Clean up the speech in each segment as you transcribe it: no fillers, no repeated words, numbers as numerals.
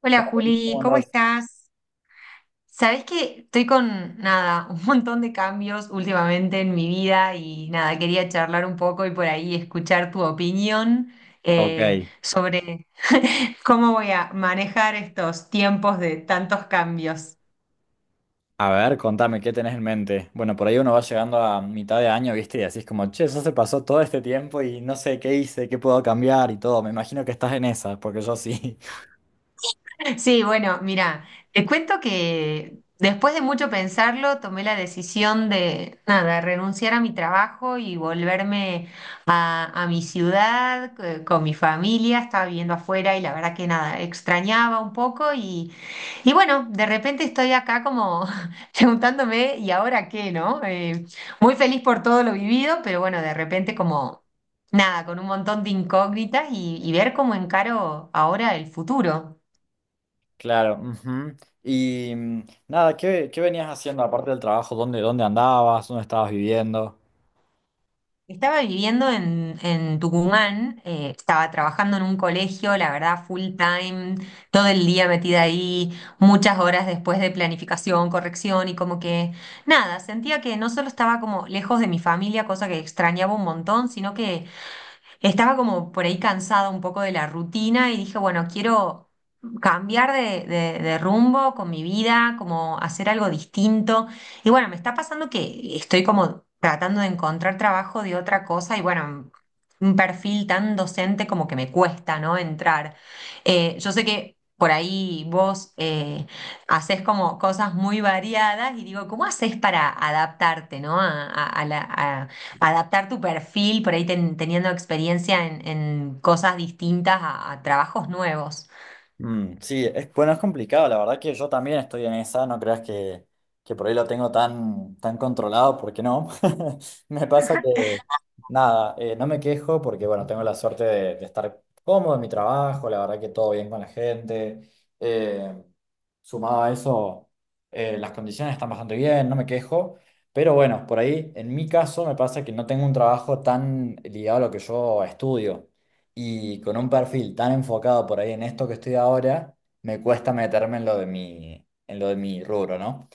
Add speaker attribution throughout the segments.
Speaker 1: Hola
Speaker 2: Hola, Denis,
Speaker 1: Juli,
Speaker 2: ¿cómo
Speaker 1: ¿cómo
Speaker 2: andás?
Speaker 1: estás? Sabés que estoy con nada, un montón de cambios últimamente en mi vida y nada, quería charlar un poco y por ahí escuchar tu opinión
Speaker 2: Ok,
Speaker 1: sobre cómo voy a manejar estos tiempos de tantos cambios.
Speaker 2: a ver, contame, ¿qué tenés en mente? Bueno, por ahí uno va llegando a mitad de año, ¿viste? Y así es como, che, eso se pasó todo este tiempo y no sé qué hice, qué puedo cambiar y todo. Me imagino que estás en esa, porque yo sí.
Speaker 1: Sí, bueno, mira, te cuento que después de mucho pensarlo, tomé la decisión de, nada, renunciar a mi trabajo y volverme a mi ciudad con mi familia. Estaba viviendo afuera y la verdad que nada, extrañaba un poco y bueno, de repente estoy acá como preguntándome, ¿y ahora qué, no? Muy feliz por todo lo vivido, pero bueno, de repente como, nada, con un montón de incógnitas y ver cómo encaro ahora el futuro.
Speaker 2: Claro, ujú. Y nada, ¿qué venías haciendo aparte del trabajo? ¿Dónde andabas? ¿Dónde estabas viviendo?
Speaker 1: Estaba viviendo en Tucumán, estaba trabajando en un colegio, la verdad, full time, todo el día metida ahí, muchas horas después de planificación, corrección y como que nada, sentía que no solo estaba como lejos de mi familia, cosa que extrañaba un montón, sino que estaba como por ahí cansada un poco de la rutina y dije, bueno, quiero cambiar de, de rumbo con mi vida, como hacer algo distinto. Y bueno, me está pasando que estoy como tratando de encontrar trabajo de otra cosa y bueno, un perfil tan docente como que me cuesta, ¿no? Entrar. Yo sé que... Por ahí vos haces como cosas muy variadas y digo, ¿cómo haces para adaptarte, ¿no? a, a adaptar tu perfil, por ahí teniendo experiencia en cosas distintas a trabajos nuevos.
Speaker 2: Mm, sí, es, bueno, es complicado, la verdad que yo también estoy en esa, no creas que por ahí lo tengo tan, tan controlado, porque no. Me pasa que, nada, no me quejo porque, bueno, tengo la suerte de estar cómodo en mi trabajo, la verdad que todo bien con la gente. eh, Sumado a eso, las condiciones están bastante bien, no me quejo, pero bueno, por ahí, en mi caso, me pasa que no tengo un trabajo tan ligado a lo que yo estudio. Y con un perfil tan enfocado por ahí en esto que estoy ahora, me cuesta meterme en lo de mi, en lo de mi rubro, ¿no?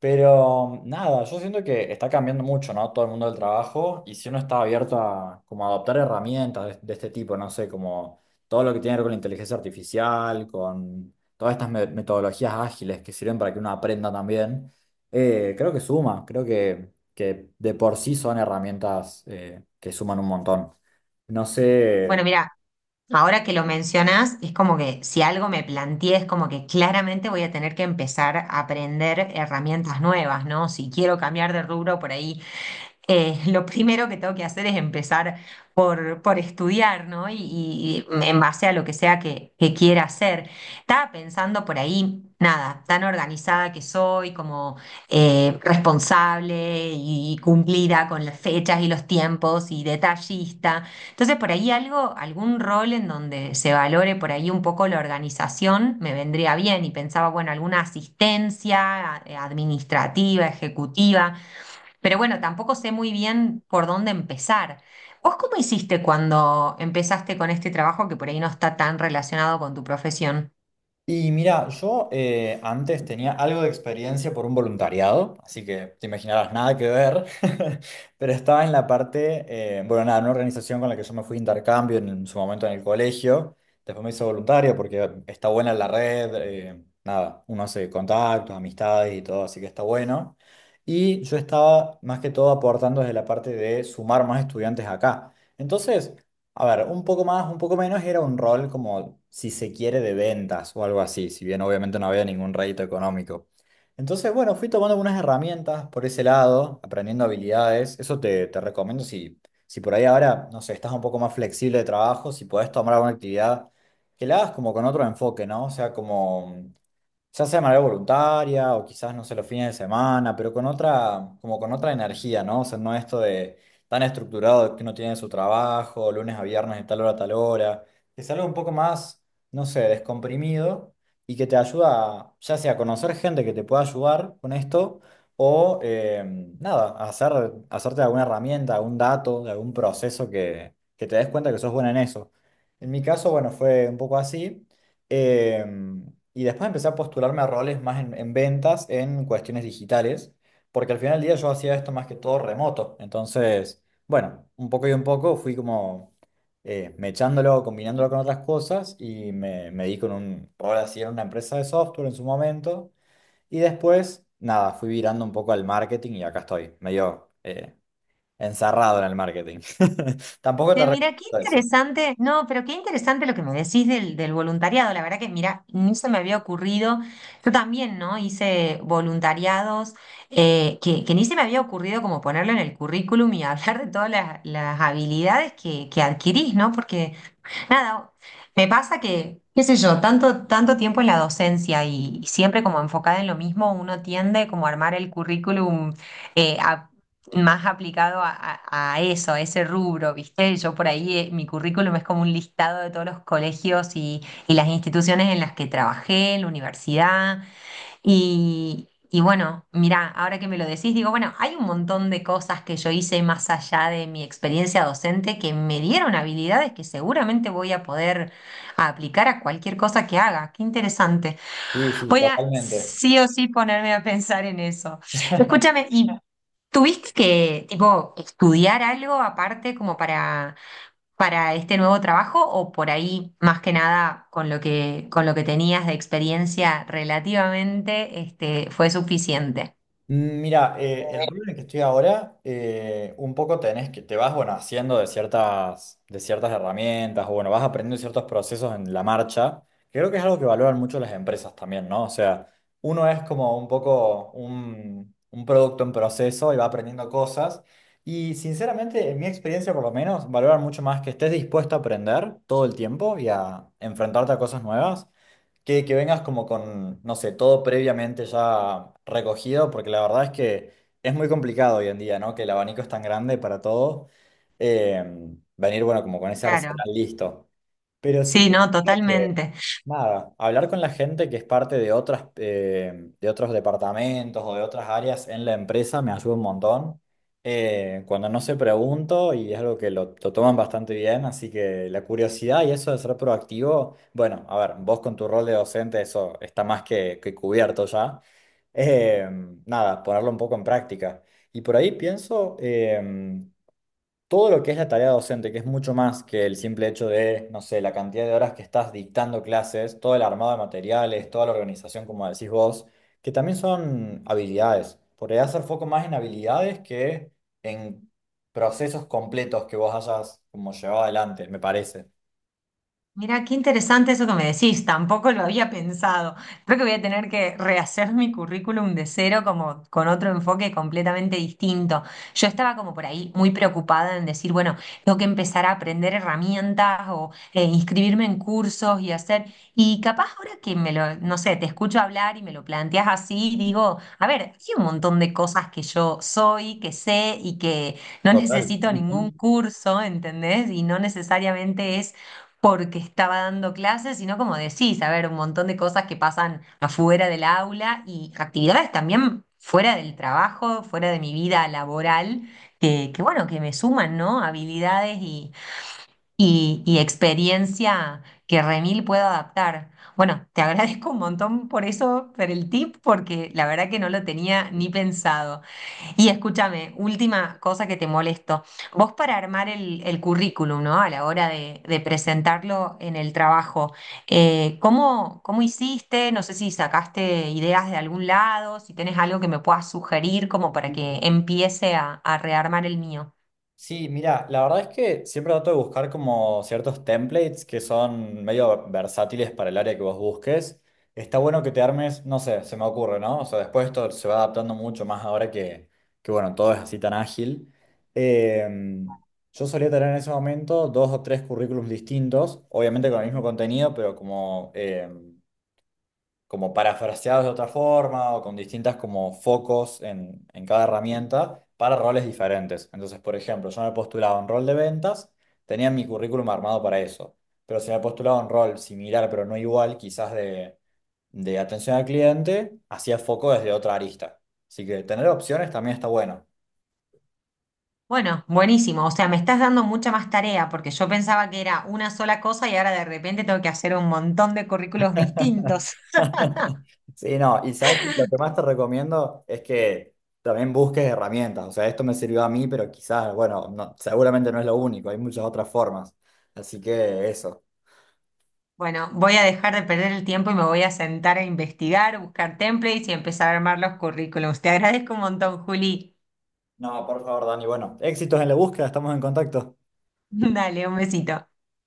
Speaker 2: Pero nada, yo siento que está cambiando mucho, ¿no? Todo el mundo del trabajo y si uno está abierto a como a adoptar herramientas de este tipo, no sé, como todo lo que tiene que ver con la inteligencia artificial, con todas estas metodologías ágiles que sirven para que uno aprenda también, creo que suma, creo que de por sí son herramientas que suman un montón. No
Speaker 1: Bueno,
Speaker 2: sé.
Speaker 1: mira, ahora que lo mencionas, es como que si algo me planteé, es como que claramente voy a tener que empezar a aprender herramientas nuevas, ¿no? Si quiero cambiar de rubro, por ahí lo primero que tengo que hacer es empezar por estudiar, ¿no? Y en base a lo que sea que quiera hacer. Estaba pensando por ahí, nada, tan organizada que soy, como responsable y cumplida con las fechas y los tiempos y detallista. Entonces, por ahí algo, algún rol en donde se valore por ahí un poco la organización me vendría bien y pensaba, bueno, alguna asistencia administrativa, ejecutiva. Pero bueno, tampoco sé muy bien por dónde empezar. ¿Vos cómo hiciste cuando empezaste con este trabajo que por ahí no está tan relacionado con tu profesión?
Speaker 2: Y mira, yo antes tenía algo de experiencia por un voluntariado, así que te imaginarás nada que ver, pero estaba en la parte, bueno, nada, en una organización con la que yo me fui de intercambio en su momento en el colegio, después me hice voluntario porque está buena la red, nada, uno hace contactos, amistades y todo, así que está bueno. Y yo estaba más que todo aportando desde la parte de sumar más estudiantes acá. Entonces, a ver, un poco más, un poco menos, era un rol como, si se quiere, de ventas o algo así, si bien obviamente no había ningún rédito económico. Entonces, bueno, fui tomando algunas herramientas por ese lado, aprendiendo habilidades. Eso te recomiendo si, si por ahí ahora, no sé, estás un poco más flexible de trabajo, si podés tomar alguna actividad, que la hagas como con otro enfoque, ¿no? O sea, como ya sea de manera voluntaria o quizás, no sé, los fines de semana, pero con otra, como con otra energía, ¿no? O sea, no esto de tan estructurado que uno tiene su trabajo, lunes a viernes de tal hora a tal hora, que es algo un poco más, no sé, descomprimido y que te ayuda, a, ya sea a conocer gente que te pueda ayudar con esto o, nada, a hacer, hacerte alguna herramienta, algún dato, de algún proceso que te des cuenta que sos buena en eso. En mi caso, bueno, fue un poco así. Em, y después empecé a postularme a roles más en ventas, en cuestiones digitales, porque al final del día yo hacía esto más que todo remoto. Entonces, bueno, un poco y un poco fui como mechándolo, combinándolo con otras cosas y me di con un rol así en una empresa de software en su momento. Y después, nada, fui virando un poco al marketing y acá estoy, medio encerrado en el marketing. Tampoco te
Speaker 1: Mira, qué
Speaker 2: recomiendo eso.
Speaker 1: interesante, no, pero qué interesante lo que me decís del, del voluntariado. La verdad que, mira, ni se me había ocurrido. Yo también, ¿no? Hice voluntariados que ni se me había ocurrido como ponerlo en el currículum y hablar de todas las habilidades que adquirís, ¿no? Porque... Nada, me pasa que, qué sé yo, tanto, tanto tiempo en la docencia y siempre como enfocada en lo mismo, uno tiende como a armar el currículum eh, a- más aplicado a, a eso, a ese rubro, ¿viste? Yo por ahí, mi currículum es como un listado de todos los colegios y las instituciones en las que trabajé, en la universidad. Y bueno, mirá, ahora que me lo decís, digo, bueno, hay un montón de cosas que yo hice más allá de mi experiencia docente que me dieron habilidades que seguramente voy a poder aplicar a cualquier cosa que haga. Qué interesante.
Speaker 2: Sí, sí,
Speaker 1: Voy a
Speaker 2: totalmente.
Speaker 1: sí o sí ponerme a pensar en eso. Escúchame, ¿y tuviste que, tipo, estudiar algo aparte como para este nuevo trabajo o por ahí, más que nada, con lo que tenías de experiencia relativamente, este, fue suficiente?
Speaker 2: Mm, mira, el rol en el que estoy ahora, un poco tenés que, te vas, bueno, haciendo de ciertas herramientas, o bueno, vas aprendiendo ciertos procesos en la marcha, que creo que es algo que valoran mucho las empresas también, ¿no? O sea, uno es como un poco un producto en proceso y va aprendiendo cosas, y sinceramente, en mi experiencia por lo menos, valoran mucho más que estés dispuesto a aprender todo el tiempo y a enfrentarte a cosas nuevas que vengas como con, no sé, todo previamente ya recogido, porque la verdad es que es muy complicado hoy en día, ¿no? Que el abanico es tan grande para todo. eh, Venir, bueno, como con ese
Speaker 1: Claro.
Speaker 2: arsenal listo. Pero sí,
Speaker 1: Sí, no, totalmente.
Speaker 2: nada, hablar con la gente que es parte de otras, de otros departamentos o de otras áreas en la empresa me ayuda un montón. Cuando no se pregunto y es algo que lo toman bastante bien, así que la curiosidad y eso de ser proactivo, bueno, a ver, vos con tu rol de docente eso está más que cubierto ya. Eh, Nada, ponerlo un poco en práctica. Y por ahí pienso todo lo que es la tarea docente, que es mucho más que el simple hecho de, no sé, la cantidad de horas que estás dictando clases, todo el armado de materiales, toda la organización, como decís vos, que también son habilidades. Podría hacer foco más en habilidades que en procesos completos que vos hayas como llevado adelante, me parece.
Speaker 1: Mira, qué interesante eso que me decís, tampoco lo había pensado. Creo que voy a tener que rehacer mi currículum de cero como con otro enfoque completamente distinto. Yo estaba como por ahí muy preocupada en decir, bueno, tengo que empezar a aprender herramientas o inscribirme en cursos y hacer, y capaz ahora que me lo, no sé, te escucho hablar y me lo planteas así, digo, a ver, hay un montón de cosas que yo soy, que sé y que no
Speaker 2: Total.
Speaker 1: necesito ningún curso, ¿entendés? Y no necesariamente porque estaba dando clases, sino como decís, a ver, un montón de cosas que pasan afuera del aula y actividades también fuera del trabajo, fuera de mi vida laboral, que bueno, que me suman, ¿no? Habilidades y experiencia que remil puedo adaptar. Bueno, te agradezco un montón por eso, por el tip, porque la verdad que no lo tenía ni pensado. Y escúchame, última cosa que te molesto. Vos para armar el currículum, ¿no? A la hora de presentarlo en el trabajo, ¿cómo, cómo hiciste? No sé si sacaste ideas de algún lado, si tenés algo que me puedas sugerir como para
Speaker 2: Ujú.
Speaker 1: que empiece a rearmar el mío.
Speaker 2: Sí, mira, la verdad es que siempre trato de buscar como ciertos templates que son medio versátiles para el área que vos busques. Está bueno que te armes, no sé, se me ocurre, ¿no? O sea, después esto se va adaptando mucho más ahora que bueno, todo es así tan ágil. Em, yo solía tener en ese momento dos o tres currículums distintos, obviamente con el mismo contenido, pero como como parafraseados de otra forma o con distintas como focos en cada herramienta para roles diferentes. Entonces, por ejemplo, yo me postulaba un rol de ventas, tenía mi currículum armado para eso, pero si me postulaba un rol similar pero no igual, quizás de atención al cliente, hacía foco desde otra arista. Así que tener opciones también está bueno.
Speaker 1: Bueno, buenísimo. O sea, me estás dando mucha más tarea porque yo pensaba que era una sola cosa y ahora de repente tengo que hacer un montón de currículos distintos.
Speaker 2: Sí, no, y sabes que lo que más te recomiendo es que también busques herramientas. O sea, esto me sirvió a mí, pero quizás, bueno, seguramente no es lo único, hay muchas otras formas. Así que eso.
Speaker 1: Bueno, voy a dejar de perder el tiempo y me voy a sentar a investigar, buscar templates y empezar a armar los currículums. Te agradezco un montón, Juli.
Speaker 2: No, por favor, Dani, bueno, éxitos en la búsqueda, estamos en contacto.
Speaker 1: Dale, un besito.